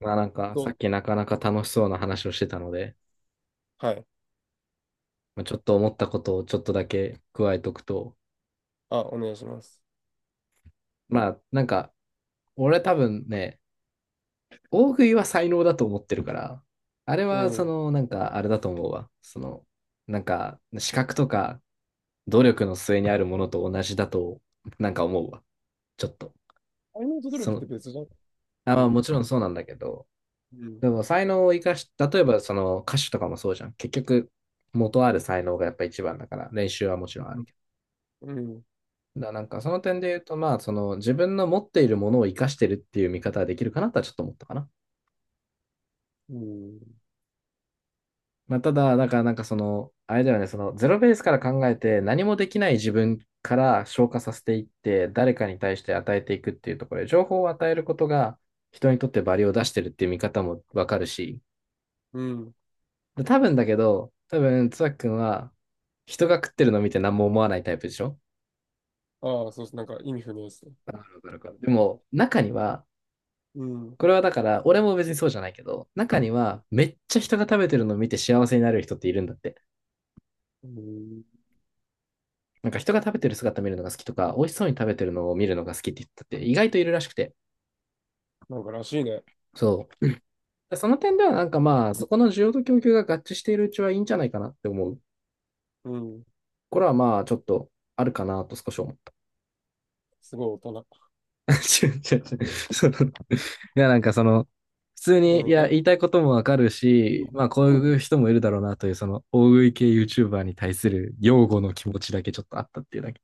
まあなんかさどっきなかなか楽しそうな話をしてたので、うはい。まあ、ちょっと思ったことをちょっとだけ加えとくと、あ、お願いします。まあなんか俺多分ね、大食いは才能だと思ってるから、あれうはそん。のなんかあれだと思うわ。そのなんか資格とか努力の末にあるものと同じだとなんか思うわ。ちょっと。愛のと努そ力っての、別じゃん。うあ、まあもん。ちろんそうなんだけど、うん。でも才能を生かし、例えばその歌手とかもそうじゃん。結局元ある才能がやっぱ一番だから練習はもちろんあるけど。うん。なんかその点で言うと、まあ、その自分の持っているものを生かしてるっていう見方はできるかなとはちょっと思ったかな。うん。まあ、ただ、だからなんかその、あれだよね、そのゼロベースから考えて何もできない自分から消化させていって、誰かに対して与えていくっていうところで、情報を与えることが人にとってバリを出してるっていう見方もわかるし、うん。で多分だけど、多分、つわきくんは人が食ってるのを見て何も思わないタイプでしょ。ああ、そうです。なんか意味不明ですね。わかるわかるわかる。でも、中には、うん。これはだから、俺も別にそうじゃないけど、中にはめっちゃ人が食べてるのを見て幸せになる人っているんだって。うん。なんか人が食べてる姿見るのが好きとか、美味しそうに食べてるのを見るのが好きって言ったって意外といるらしくて。なんからしいね。そう。その点ではなんかまあ、そこの需要と供給が合致しているうちはいいんじゃないかなって思う。うん。これはまあ、ちょっとあるかなと少し思う。すごい大人。違う違う違う。そのいや、なんかその、普通に、いうん。や、言いえ、たいこともわかるいい。し、まいあ、こういう人もいるだろうなという、その、大食い系 YouTuber に対する擁護の気持ちだけちょっとあったっていうだけ。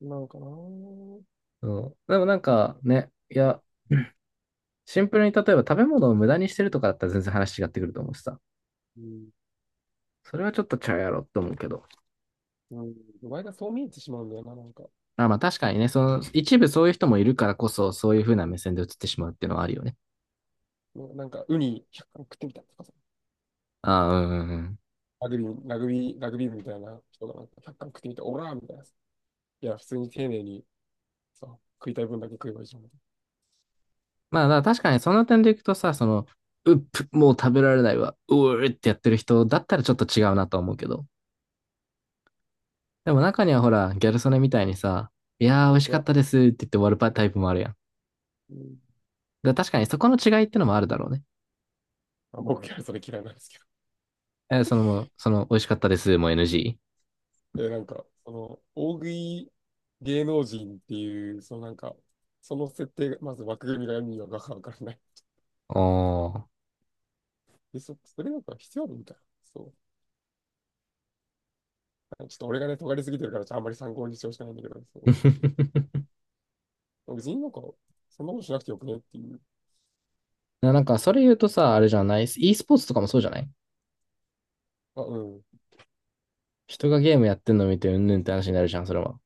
いなんかなー。そう。でもなんかね、いや、シンプルに例えば食べ物を無駄にしてるとかだったら全然話違ってくると思うしさ。うん。それはちょっとちゃうやろって思うけど。うん。前がそう見えてしまうんだよな、なんか。あ、まあ確かにね、その、一部そういう人もいるからこそ、そういう風な目線で映ってしまうっていうのはあるよね。なんか、ウニ100貫食ってみたとかさ。ああ、うんうんうん。ラグビー部みたいな人がなんか100貫食ってみた、オラーみたいなさ。いや、普通に丁寧にさ、食いたい分だけ食えばいいじゃん。まあ、だから確かにその点でいくとさ、その、うっぷ、もう食べられないわ、うーってやってる人だったらちょっと違うなとは思うけど。でも中にはほら、ギャル曽根みたいにさ、いやー美味しかっは、たですって言って終わるパタイプもあるやん。うん。だから確かにそこの違いってのもあるだろうね。あ、僕はそれ嫌いなんですけその、その、美味しかったですも NG？ ど。え、なんか、その、大食い芸能人っていう、そのなんか、その設定が、まず枠組みが意味がわからない。おー。で、それなんか必要あるみたいな。そう。ちょっと俺がね、尖りすぎてるから、ちょっとあんまり参考にしてほしくないんだけど、そ う。別になんか、そんなことしなくてよくねっていう。なんか、それ言うとさ、あれじゃない？ e スポーツとかもそうじゃない。あ、うん。人がゲームやってんの見てうんぬんって話になるじゃん、それは。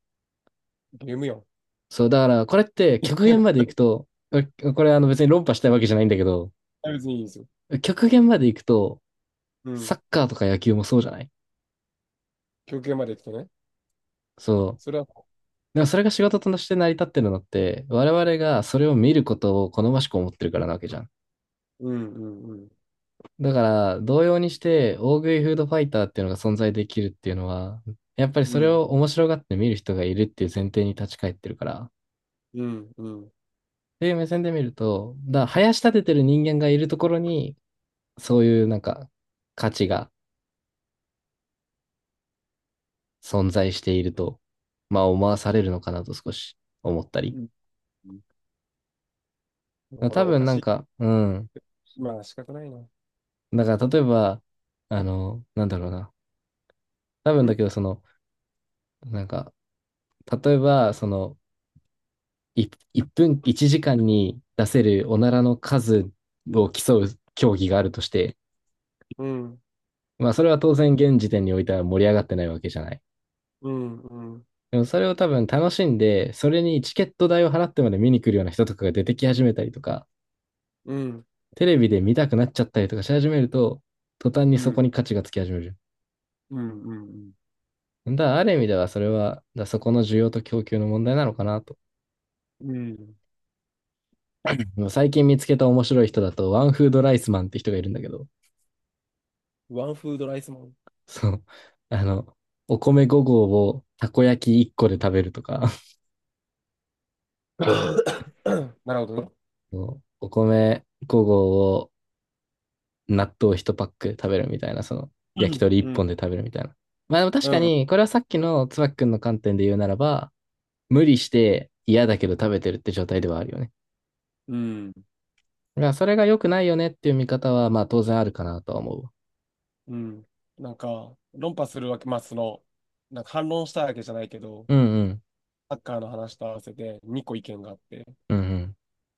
ゲームやん。そう、だから、これって極限まで 行くと、これあの別に論破したいわけじゃないんだけど、別にいいですよ。極限まで行くと、うサん。ッカーとか野球もそうじゃない。休憩まで来てね。そう。それは、でもそれが仕事として成り立ってるのって、我々がそれを見ることを好ましく思ってるからなわけじゃん。うんうんうん。だから、同様にして、大食いフードファイターっていうのが存在できるっていうのは、やっぱりうそれんを面白がって見る人がいるっていう前提に立ち返ってるから。っうんうん。ていう目線で見ると、林立ててる人間がいるところに、そういうなんか、価値が存在していると、まあ思わされるのかなと少し思ったうり。ん。俺多はお分かなしんいって。か、うん。まあ仕方ないな。だから例えば、あの、なんだろうな。多分だけど、その、なんか、例えば、その、1分、1時間に出せるおならの数を競う競技があるとして、うん、まあそれは当然現時点においては盛り上がってないわけじゃない。うん、うん、でもそれを多分楽しんで、それにチケット代を払ってまで見に来るような人とかが出てき始めたりとか、うん、テレビで見たくなっちゃったりとかし始めると、途端にうそこん、に価値がつき始める。うん、うん、うん。だからある意味ではそれは、だからそこの需要と供給の問題なのかなと。うん。でも最近見つけた面白い人だと、ワンフードライスマンって人がいるんだけど、ワンフードライスマン。そう、あの、お米5合をたこ焼き1個で食べるとか、なるほどね。そうお米5合を納豆1パック食べるみたいな、その、う焼きん、鳥う1ん、本で食べるみたいな。まあでも確うかん、に、これはさっきのつばきくんの観点で言うならば、無理して嫌だけど食べてるって状態ではあるよね。うん。だからそれが良くないよねっていう見方は、まあ当然あるかなとは思うわ。うん。なんか、論破するわけ、まあ、その、なんか反論したいわけじゃないけど、うんうん。サッカーの話と合わせて2個意見があって、1うんうん。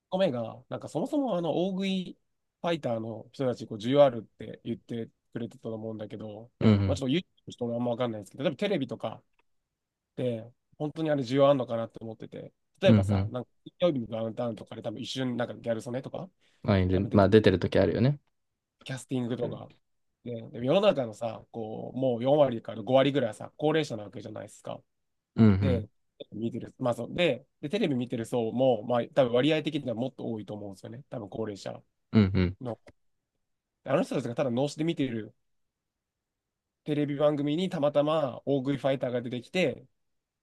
個目が、なんかそもそもあの、大食いファイターの人たち、こう、需要あるって言ってくれてたと思うんだけど、うまあ、んちょっと YouTube の人もあんまわかんないですけど、例えばテレビとか、て、本当にあれ需要あんのかなって思ってて、例うえん。うばんうさ、ん。なんか、金曜日のダウンタウンとかで多分一瞬なんかギャル曽根とか、まあ、い多る。分出まてあ、く出てるる時あるよね。キャスティングとか。でも世の中のさ、こう、もう4割から5割ぐらいはさ、高齢者なわけじゃないですか。うんうん。で、見てる、まあそう、で、テレビ見てる層も、まあ多分割合的にはもっと多いと思うんですよね。多分高齢者うんうん。の。あの人たちがただ脳死で見てるテレビ番組にたまたま大食いファイターが出てきて、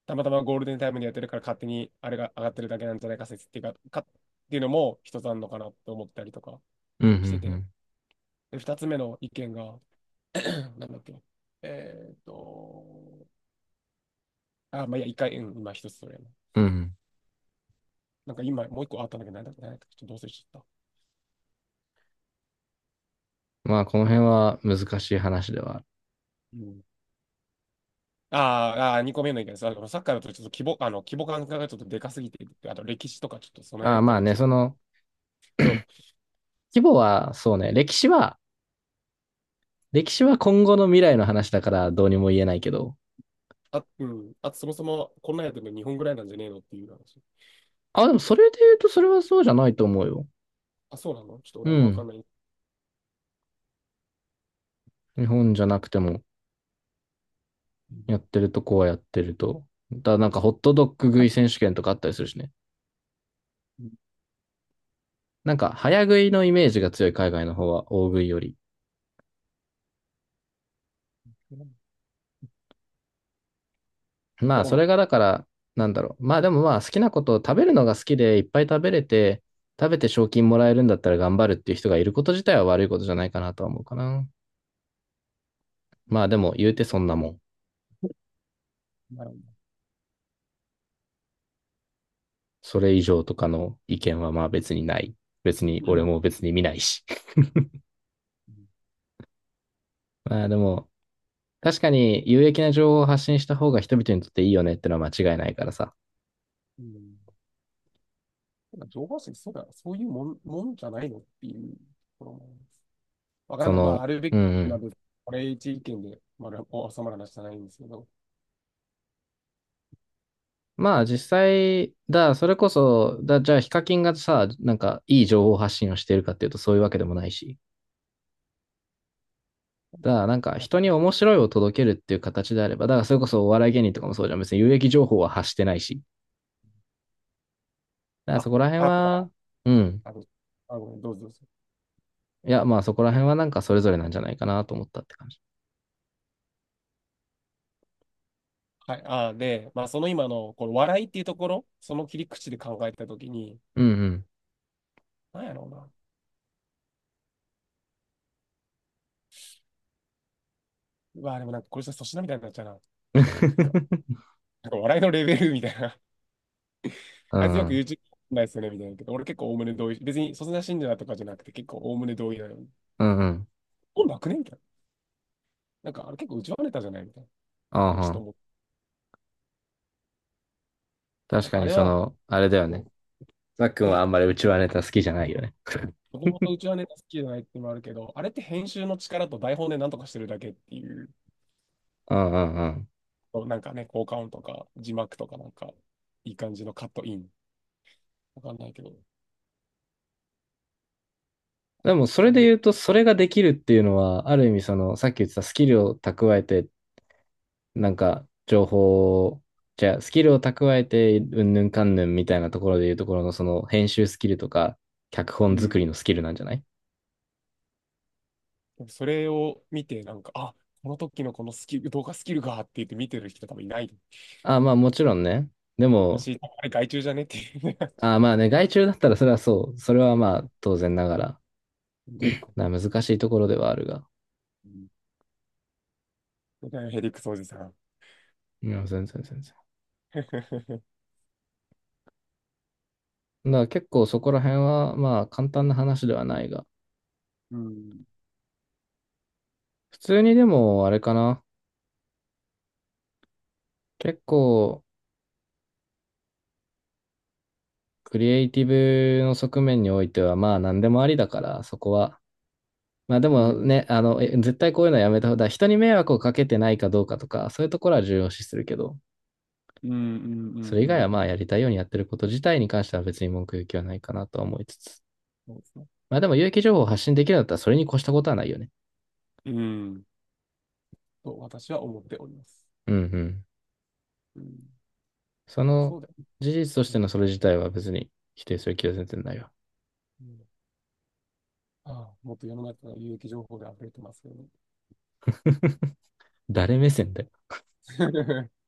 たまたまゴールデンタイムでやってるから勝手にあれが上がってるだけなんじゃないか説っていうか、っていうのも一つあるのかなと思ったりとかうんうんうしてて、ん。で、二つ目の意見が、なんだっけ、えーっと、あ、まあ、いや、一回、うん、今一つそれやな。うん。なんか今もう一個あったんだけど、なんだっけちょっとどうせしちゃった。まあ、この辺は難しい話ではある。うん。二個目の意見です。あの、サッカーだとちょっと規模、あの、規模感がちょっとでかすぎて、あと歴史とかちょっと備あえあ、たまありしね、た。その、そう。規模は、そうね、歴史は、歴史は今後の未来の話だからどうにも言えないけど。あ、うん。あと、そもそもこんなんやってるの日本ぐらいなんじゃねえのっていう話。あ、でもそれで言うとそれはそうじゃないと思うよ。あ、そうなのちょっとう俺はあんまわかん。んない。日本じゃなくても、うんやってるとこはやってると。なんかホットドッグ食い選手権とかあったりするしね。うん。なんか、早食いのイメージが強い海外の方は、大食いより。まとあ、そ思いれまがだす。から、なんだろう。まあ、でもまあ、好きなことを食べるのが好きで、いっぱい食べれて、食べて賞金もらえるんだったら頑張るっていう人がいること自体は悪いことじゃないかなとは思うかな。まあ、でも、言うてそんなもん。なるほそれ以上とかの意見はまあ別にない。別に、ど。う俺ん。も別に見ないし。まあ、でも、確かに有益な情報を発信した方が人々にとっていいよねってのは間違いないからさ。うん。ただ情報誌、そうだ、そういうもんじゃないのっていうところもあります。わかそんない。まあ、の、あるべきうんうなん。部分、これ一意見で、まあ、収まる話じゃないんですけど。まあ実際、それこそ、じゃあヒカキンがさ、なんかいい情報発信をしているかっていうとそういうわけでもないし、なんかあ、人に面白いを届けるっていう形であれば、だからそれこそお笑い芸人とかもそうじゃん、別に有益情報は発してないし、だからそこら辺あ、は、ううん。ん。あごめん、どうぞどうぞ。いや、まあそこら辺はなんかそれぞれなんじゃないかなと思ったって感じ。はい。あ、で、まあ、その今の、この笑いっていうところ、その切り口で考えたときに、うんうん。なんやろうな。うわ、でもなんかこれじゃ粗品みたいになっちゃうな。なんか笑いのレベルみたいな、うあいつよく ん、YouTube ないですよね、みたいなけど、俺結構おおむね同意。別に、そんな信者とかじゃなくて、結構おおむね同意なのに。うん、うん。本なくねみたいな。なんか、あれ結構内輪ネタじゃないみたいな。ああでもちょっはとん、思って、な確んかかあにれそは、の、あれだよね。こザックンう、はへ、あんまりうちわネタ好きじゃないよね。もともと内輪ネタ好きじゃないっていうのもあるけど、あれって編集の力と台本でなんとかしてるだけっていう、うんうんうん。なんかね、効果音とか、字幕とかなんか、いい感じのカットイン。わかんないけど、でも、そじれゃでない。言うと、それができるっていうのは、ある意味、その、さっき言ってたスキルを蓄えて、なんか、情報を、じゃあ、スキルを蓄えて、うんぬんかんぬんみたいなところで言うところの、その、編集スキルとか、脚本うん。作りのスキルなんじゃない？それを見て、なんか、あ、この時のこのスキル、動画スキルがって言って見てる人多分いない。ああ、まあ、もちろんね。でも、私、あれ害虫じゃねっていう。ああ、まあね、外注だったら、それはそう。それはまあ、当然ながら、うん難しいところではあるが。うん。それらヘリクソおじさん。いや、全然全然。だから結構そこら辺は、まあ、簡単な話ではないが。うん。普通にでも、あれかな。結構、クリエイティブの側面においては、まあ何でもありだから、そこは。まあでうもん。ね、あの、絶対こういうのはやめた方が、人に迷惑をかけてないかどうかとか、そういうところは重要視するけど、うん。うん。うそん。れ以う外はん。うまあん。やりたいようにやってること自体に関しては別に文句言う気はないかなとは思いつつ。そうですね。まあでも有益情報を発信できるんだったらそれに越したことはないよね。うん。と、私は思っております。うんうん。うん。そそのうだよ。事実としうてん。のそれ自体は別に否定する気は全然ないわ。うん、ああ、もっと世の中の有益情報で溢れてますよね。誰目線で